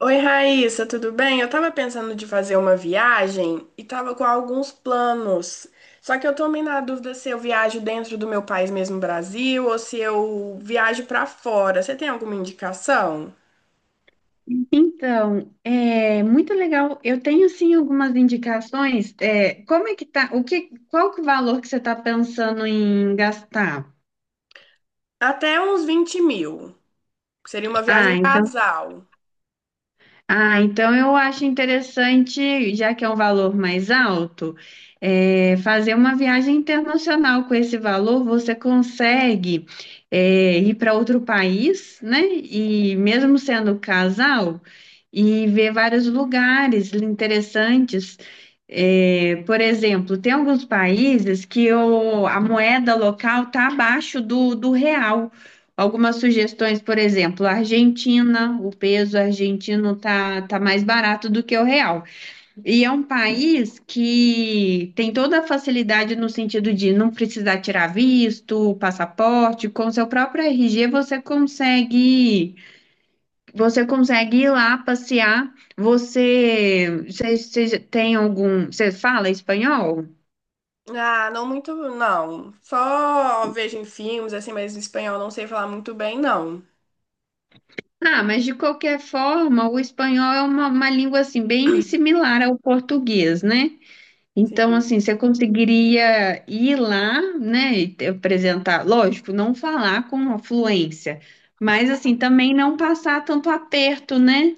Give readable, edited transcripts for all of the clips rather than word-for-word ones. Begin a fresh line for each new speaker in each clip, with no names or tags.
Oi, Raíssa, tudo bem? Eu tava pensando de fazer uma viagem e tava com alguns planos. Só que eu tô meio na dúvida se eu viajo dentro do meu país mesmo, Brasil, ou se eu viajo pra fora. Você tem alguma indicação?
Então, é muito legal. Eu tenho sim algumas indicações. Como é que tá? Qual que é o valor que você está pensando em gastar?
Até uns 20.000. Seria uma viagem
Ah, então
casal.
Ah, então eu acho interessante, já que é um valor mais alto, fazer uma viagem internacional com esse valor. Ir para outro país, né? E mesmo sendo casal, e ver vários lugares interessantes. É, por exemplo, tem alguns países que a moeda local está abaixo do real. Algumas sugestões, por exemplo, a Argentina, o peso argentino tá mais barato do que o real. E é um país que tem toda a facilidade no sentido de não precisar tirar visto, passaporte, com seu próprio RG você consegue ir lá passear. Você tem algum, você fala espanhol?
Ah, não muito, não. Só vejo em filmes, assim, mas espanhol não sei falar muito bem, não.
Ah, mas de qualquer forma, o espanhol é uma língua assim bem similar ao português, né? Então, assim, você conseguiria ir lá, né, e apresentar, lógico, não falar com fluência, mas assim, também não passar tanto aperto, né?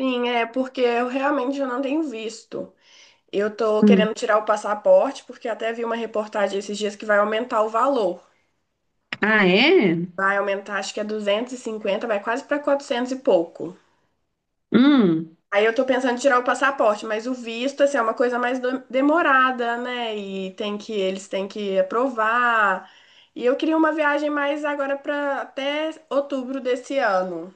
Sim, é porque eu realmente já não tenho visto. Eu tô querendo tirar o passaporte, porque até vi uma reportagem esses dias que vai aumentar o valor.
Ah, é?
Vai aumentar, acho que é 250, vai quase para 400 e pouco.
Hum.
Aí eu tô pensando em tirar o passaporte, mas o visto, assim, é uma coisa mais demorada, né? E tem que, eles têm que aprovar. E eu queria uma viagem mais agora para até outubro desse ano.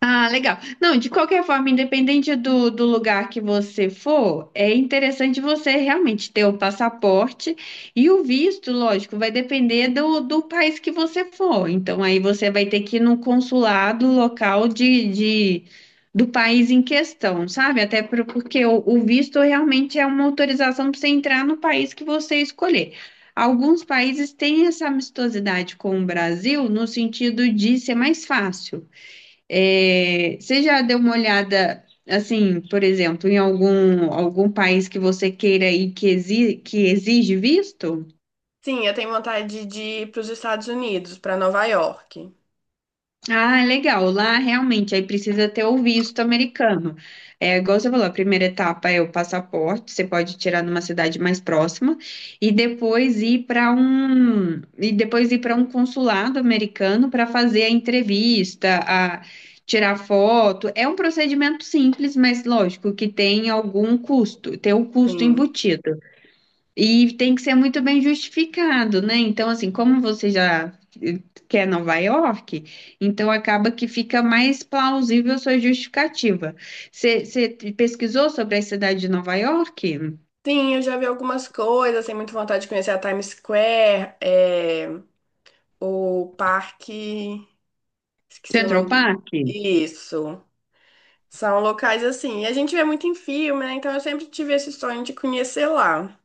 Ah, legal. Não, de qualquer forma, independente do lugar que você for, é interessante você realmente ter o passaporte e o visto, lógico, vai depender do país que você for. Então, aí você vai ter que ir no consulado local do país em questão, sabe? Porque o visto realmente é uma autorização para você entrar no país que você escolher. Alguns países têm essa amistosidade com o Brasil no sentido de ser mais fácil. É, você já deu uma olhada, assim, por exemplo, em algum país que você queira ir que que exige visto?
Sim, eu tenho vontade de ir para os Estados Unidos, para Nova York.
Ah, legal. Lá realmente aí precisa ter o visto americano. É, igual você falou, a primeira etapa é o passaporte, você pode tirar numa cidade mais próxima e depois ir para um consulado americano para fazer a entrevista, a tirar foto. É um procedimento simples, mas lógico que tem algum custo, tem um custo
Sim.
embutido. E tem que ser muito bem justificado, né? Então, assim, como você já eh, quer Nova York, então acaba que fica mais plausível a sua justificativa. Você pesquisou sobre a cidade de Nova York?
Sim, eu já vi algumas coisas, tenho muita vontade de conhecer a Times Square, é, o parque, esqueci o
Central
nome.
Park?
Isso. São locais assim. E a gente vê muito em filme, né? Então eu sempre tive esse sonho de conhecer lá.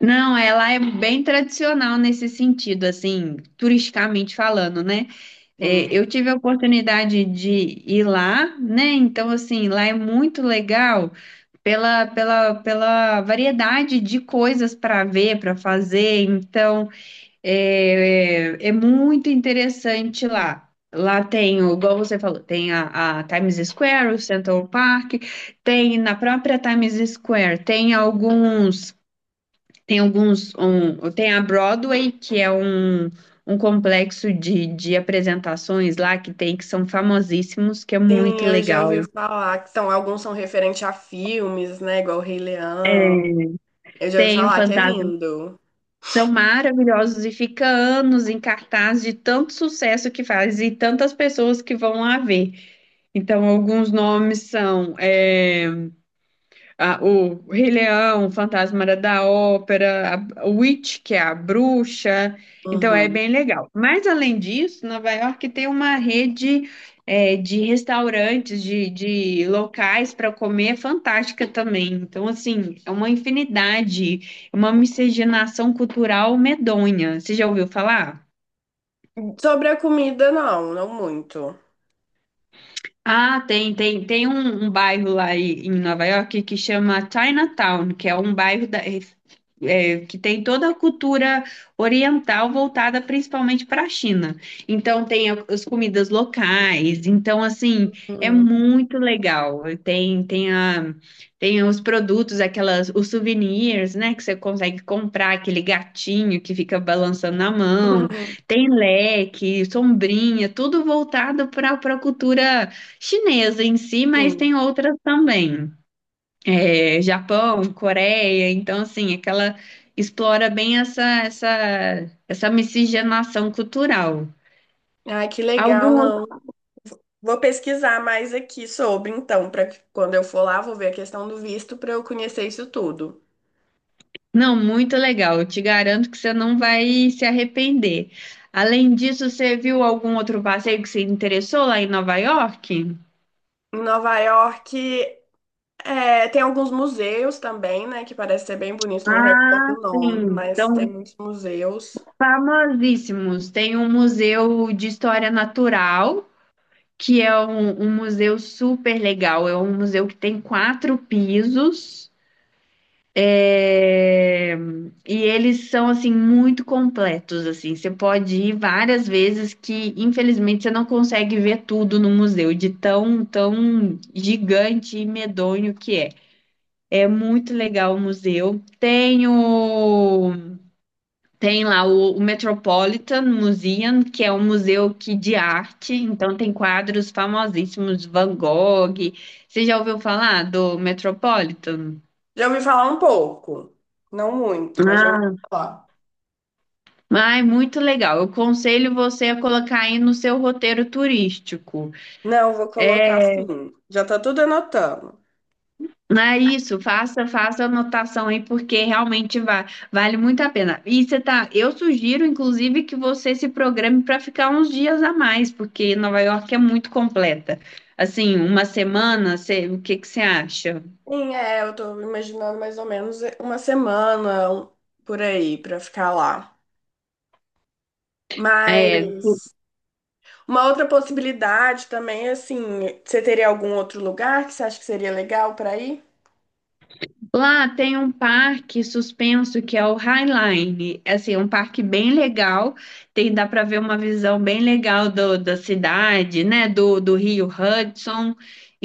Não, ela é bem tradicional nesse sentido, assim, turisticamente falando, né?
Sim.
É, eu tive a oportunidade de ir lá, né? Então, assim, lá é muito legal pela variedade de coisas para ver, para fazer. Então, é muito interessante lá. Lá tem, igual você falou, tem a Times Square, o Central Park, tem na própria Times Square, tem alguns. Tem alguns. Tem a Broadway, que é um, um complexo de apresentações lá que tem, que são famosíssimos, que é muito
Sim, eu já ouvi
legal.
falar que são, alguns são referentes a filmes, né? Igual o Rei Leão. Eu já ouvi
Tem o
falar que é
Fantasma.
lindo.
São maravilhosos e fica anos em cartaz de tanto sucesso que faz e tantas pessoas que vão lá ver. Então, alguns nomes são. O Rei Leão, o Fantasma da Ópera, a Witch, que é a bruxa. Então é
Uhum.
bem legal. Mas além disso, Nova York tem uma rede de restaurantes, de locais para comer fantástica também. Então, assim, é uma infinidade, é uma miscigenação cultural medonha. Você já ouviu falar?
Sobre a comida, não, não muito.
Ah, tem um, um bairro lá em Nova York que chama Chinatown, que é um bairro que tem toda a cultura oriental voltada principalmente para a China. Então tem as comidas locais, então assim, é
Uhum.
muito legal. Tem os produtos, aquelas, os souvenirs, né, que você consegue comprar, aquele gatinho que fica balançando na mão, tem leque, sombrinha, tudo voltado para a cultura chinesa em si, mas
Sim.
tem outras também. É, Japão, Coreia, então assim, aquela explora bem essa miscigenação cultural.
Ai, que legal,
Algum outro...
não. Vou pesquisar mais aqui sobre, então, para quando eu for lá, vou ver a questão do visto para eu conhecer isso tudo.
Não, muito legal. Eu te garanto que você não vai se arrepender. Além disso, você viu algum outro passeio que se interessou lá em Nova York?
Em Nova York, é, tem alguns museus também, né, que parece ser bem bonito, não recordo
Ah,
o nome,
sim.
mas tem
São
muitos museus.
famosíssimos. Tem um museu de história natural que é um museu super legal. É um museu que tem quatro pisos. é, E eles são assim muito completos assim. Você pode ir várias vezes que infelizmente você não consegue ver tudo no museu de tão gigante e medonho que é. É muito legal o museu. Tem o tem lá o, O Metropolitan Museum, que é um museu que, de arte, então tem quadros famosíssimos de Van Gogh. Você já ouviu falar do Metropolitan?
Já ouvi falar um pouco, não muito, mas já ouvi
Ah,
falar.
ai, muito legal. Eu aconselho você a colocar aí no seu roteiro turístico.
Não, vou colocar assim. Já tá tudo anotando.
Não é isso, faça a anotação aí, porque realmente vale muito a pena. E você tá, eu sugiro, inclusive, que você se programe para ficar uns dias a mais, porque Nova York é muito completa. Assim, uma semana, o que que você acha?
Sim, é, eu tô imaginando mais ou menos uma semana por aí para ficar lá.
É,
Mas uma outra possibilidade também, assim, você teria algum outro lugar que você acha que seria legal para ir?
Lá tem um parque suspenso que é o Highline. É assim, um parque bem legal. Tem, dá para ver uma visão bem legal da cidade, né? Do Rio Hudson.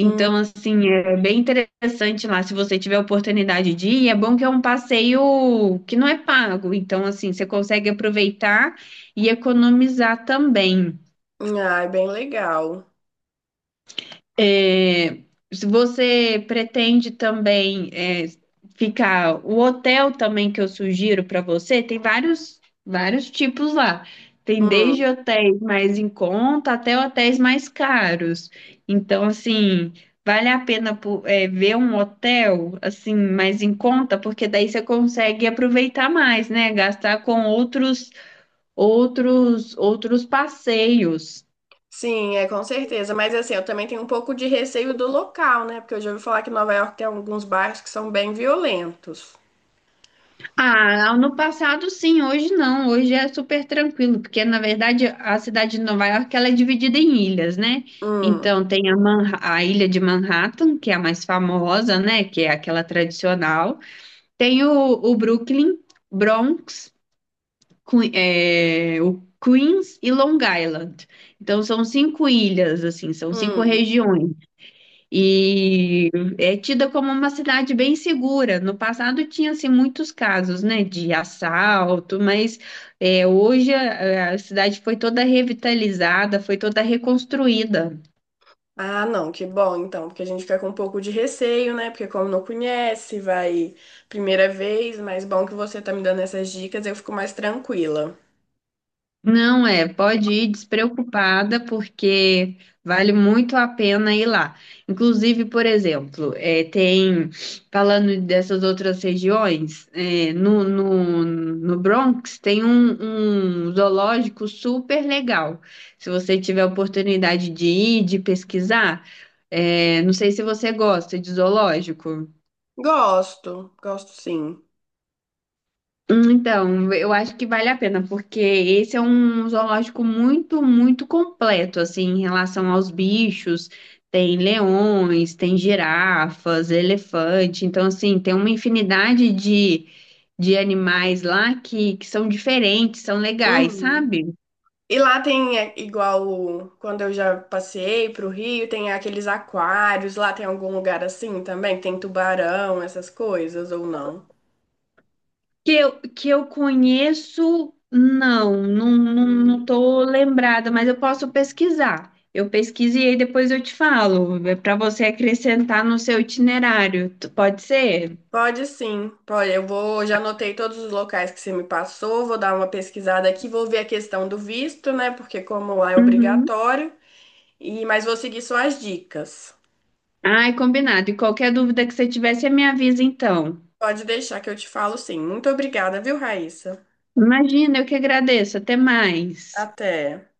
Hum,
assim, é bem interessante lá. Se você tiver oportunidade de ir, é bom que é um passeio que não é pago. Então, assim, você consegue aproveitar e economizar também.
ah, é bem legal.
É, se você pretende também ficar, o hotel também que eu sugiro para você, tem vários tipos lá. Tem desde
Hum,
hotéis mais em conta até hotéis mais caros. Então, assim, vale a pena ver um hotel assim mais em conta, porque daí você consegue aproveitar mais, né? Gastar com outros passeios.
sim, é com certeza. Mas assim, eu também tenho um pouco de receio do local, né? Porque eu já ouvi falar que Nova York tem alguns bairros que são bem violentos.
Ah, no passado sim, hoje não. Hoje é super tranquilo, porque na verdade a cidade de Nova York ela é dividida em ilhas, né?
Hum,
Então tem a ilha de Manhattan, que é a mais famosa, né? Que é aquela tradicional. Tem o Brooklyn, Bronx, o Queens e Long Island. Então são cinco ilhas, assim, são cinco
hum.
regiões. E é tida como uma cidade bem segura. No passado tinha-se muitos casos, né, de assalto, mas hoje a cidade foi toda revitalizada, foi toda reconstruída.
Ah, não, que bom então, porque a gente fica com um pouco de receio, né? Porque como não conhece, vai primeira vez, mas bom que você tá me dando essas dicas, eu fico mais tranquila.
Não é, pode ir despreocupada, porque vale muito a pena ir lá. Inclusive, por exemplo, falando dessas outras regiões, no Bronx tem um, um zoológico super legal. Se você tiver a oportunidade de ir, de pesquisar, não sei se você gosta de zoológico.
Gosto, gosto sim.
Hum. Então, eu acho que vale a pena, porque esse é um zoológico muito completo, assim, em relação aos bichos. Tem leões, tem girafas, elefante. Então, assim, tem uma infinidade de animais lá que são diferentes, são legais,
Uhum.
sabe?
E lá tem, é, igual quando eu já passei pro Rio, tem aqueles aquários, lá tem algum lugar assim também, que tem tubarão, essas coisas, ou não?
Que eu conheço, não, não, não, não
Hum.
tô lembrada, mas eu posso pesquisar. Eu pesquiso e aí depois eu te falo, é para você acrescentar no seu itinerário, pode ser?
Pode sim, pode. Eu vou, já anotei todos os locais que você me passou, vou dar uma pesquisada aqui, vou ver a questão do visto, né? Porque como lá é
Uhum.
obrigatório, e mas vou seguir só as dicas.
Ai, combinado. E qualquer dúvida que você tiver, você me avisa então.
Pode deixar que eu te falo sim. Muito obrigada, viu, Raíssa?
Imagina, eu que agradeço. Até mais.
Até.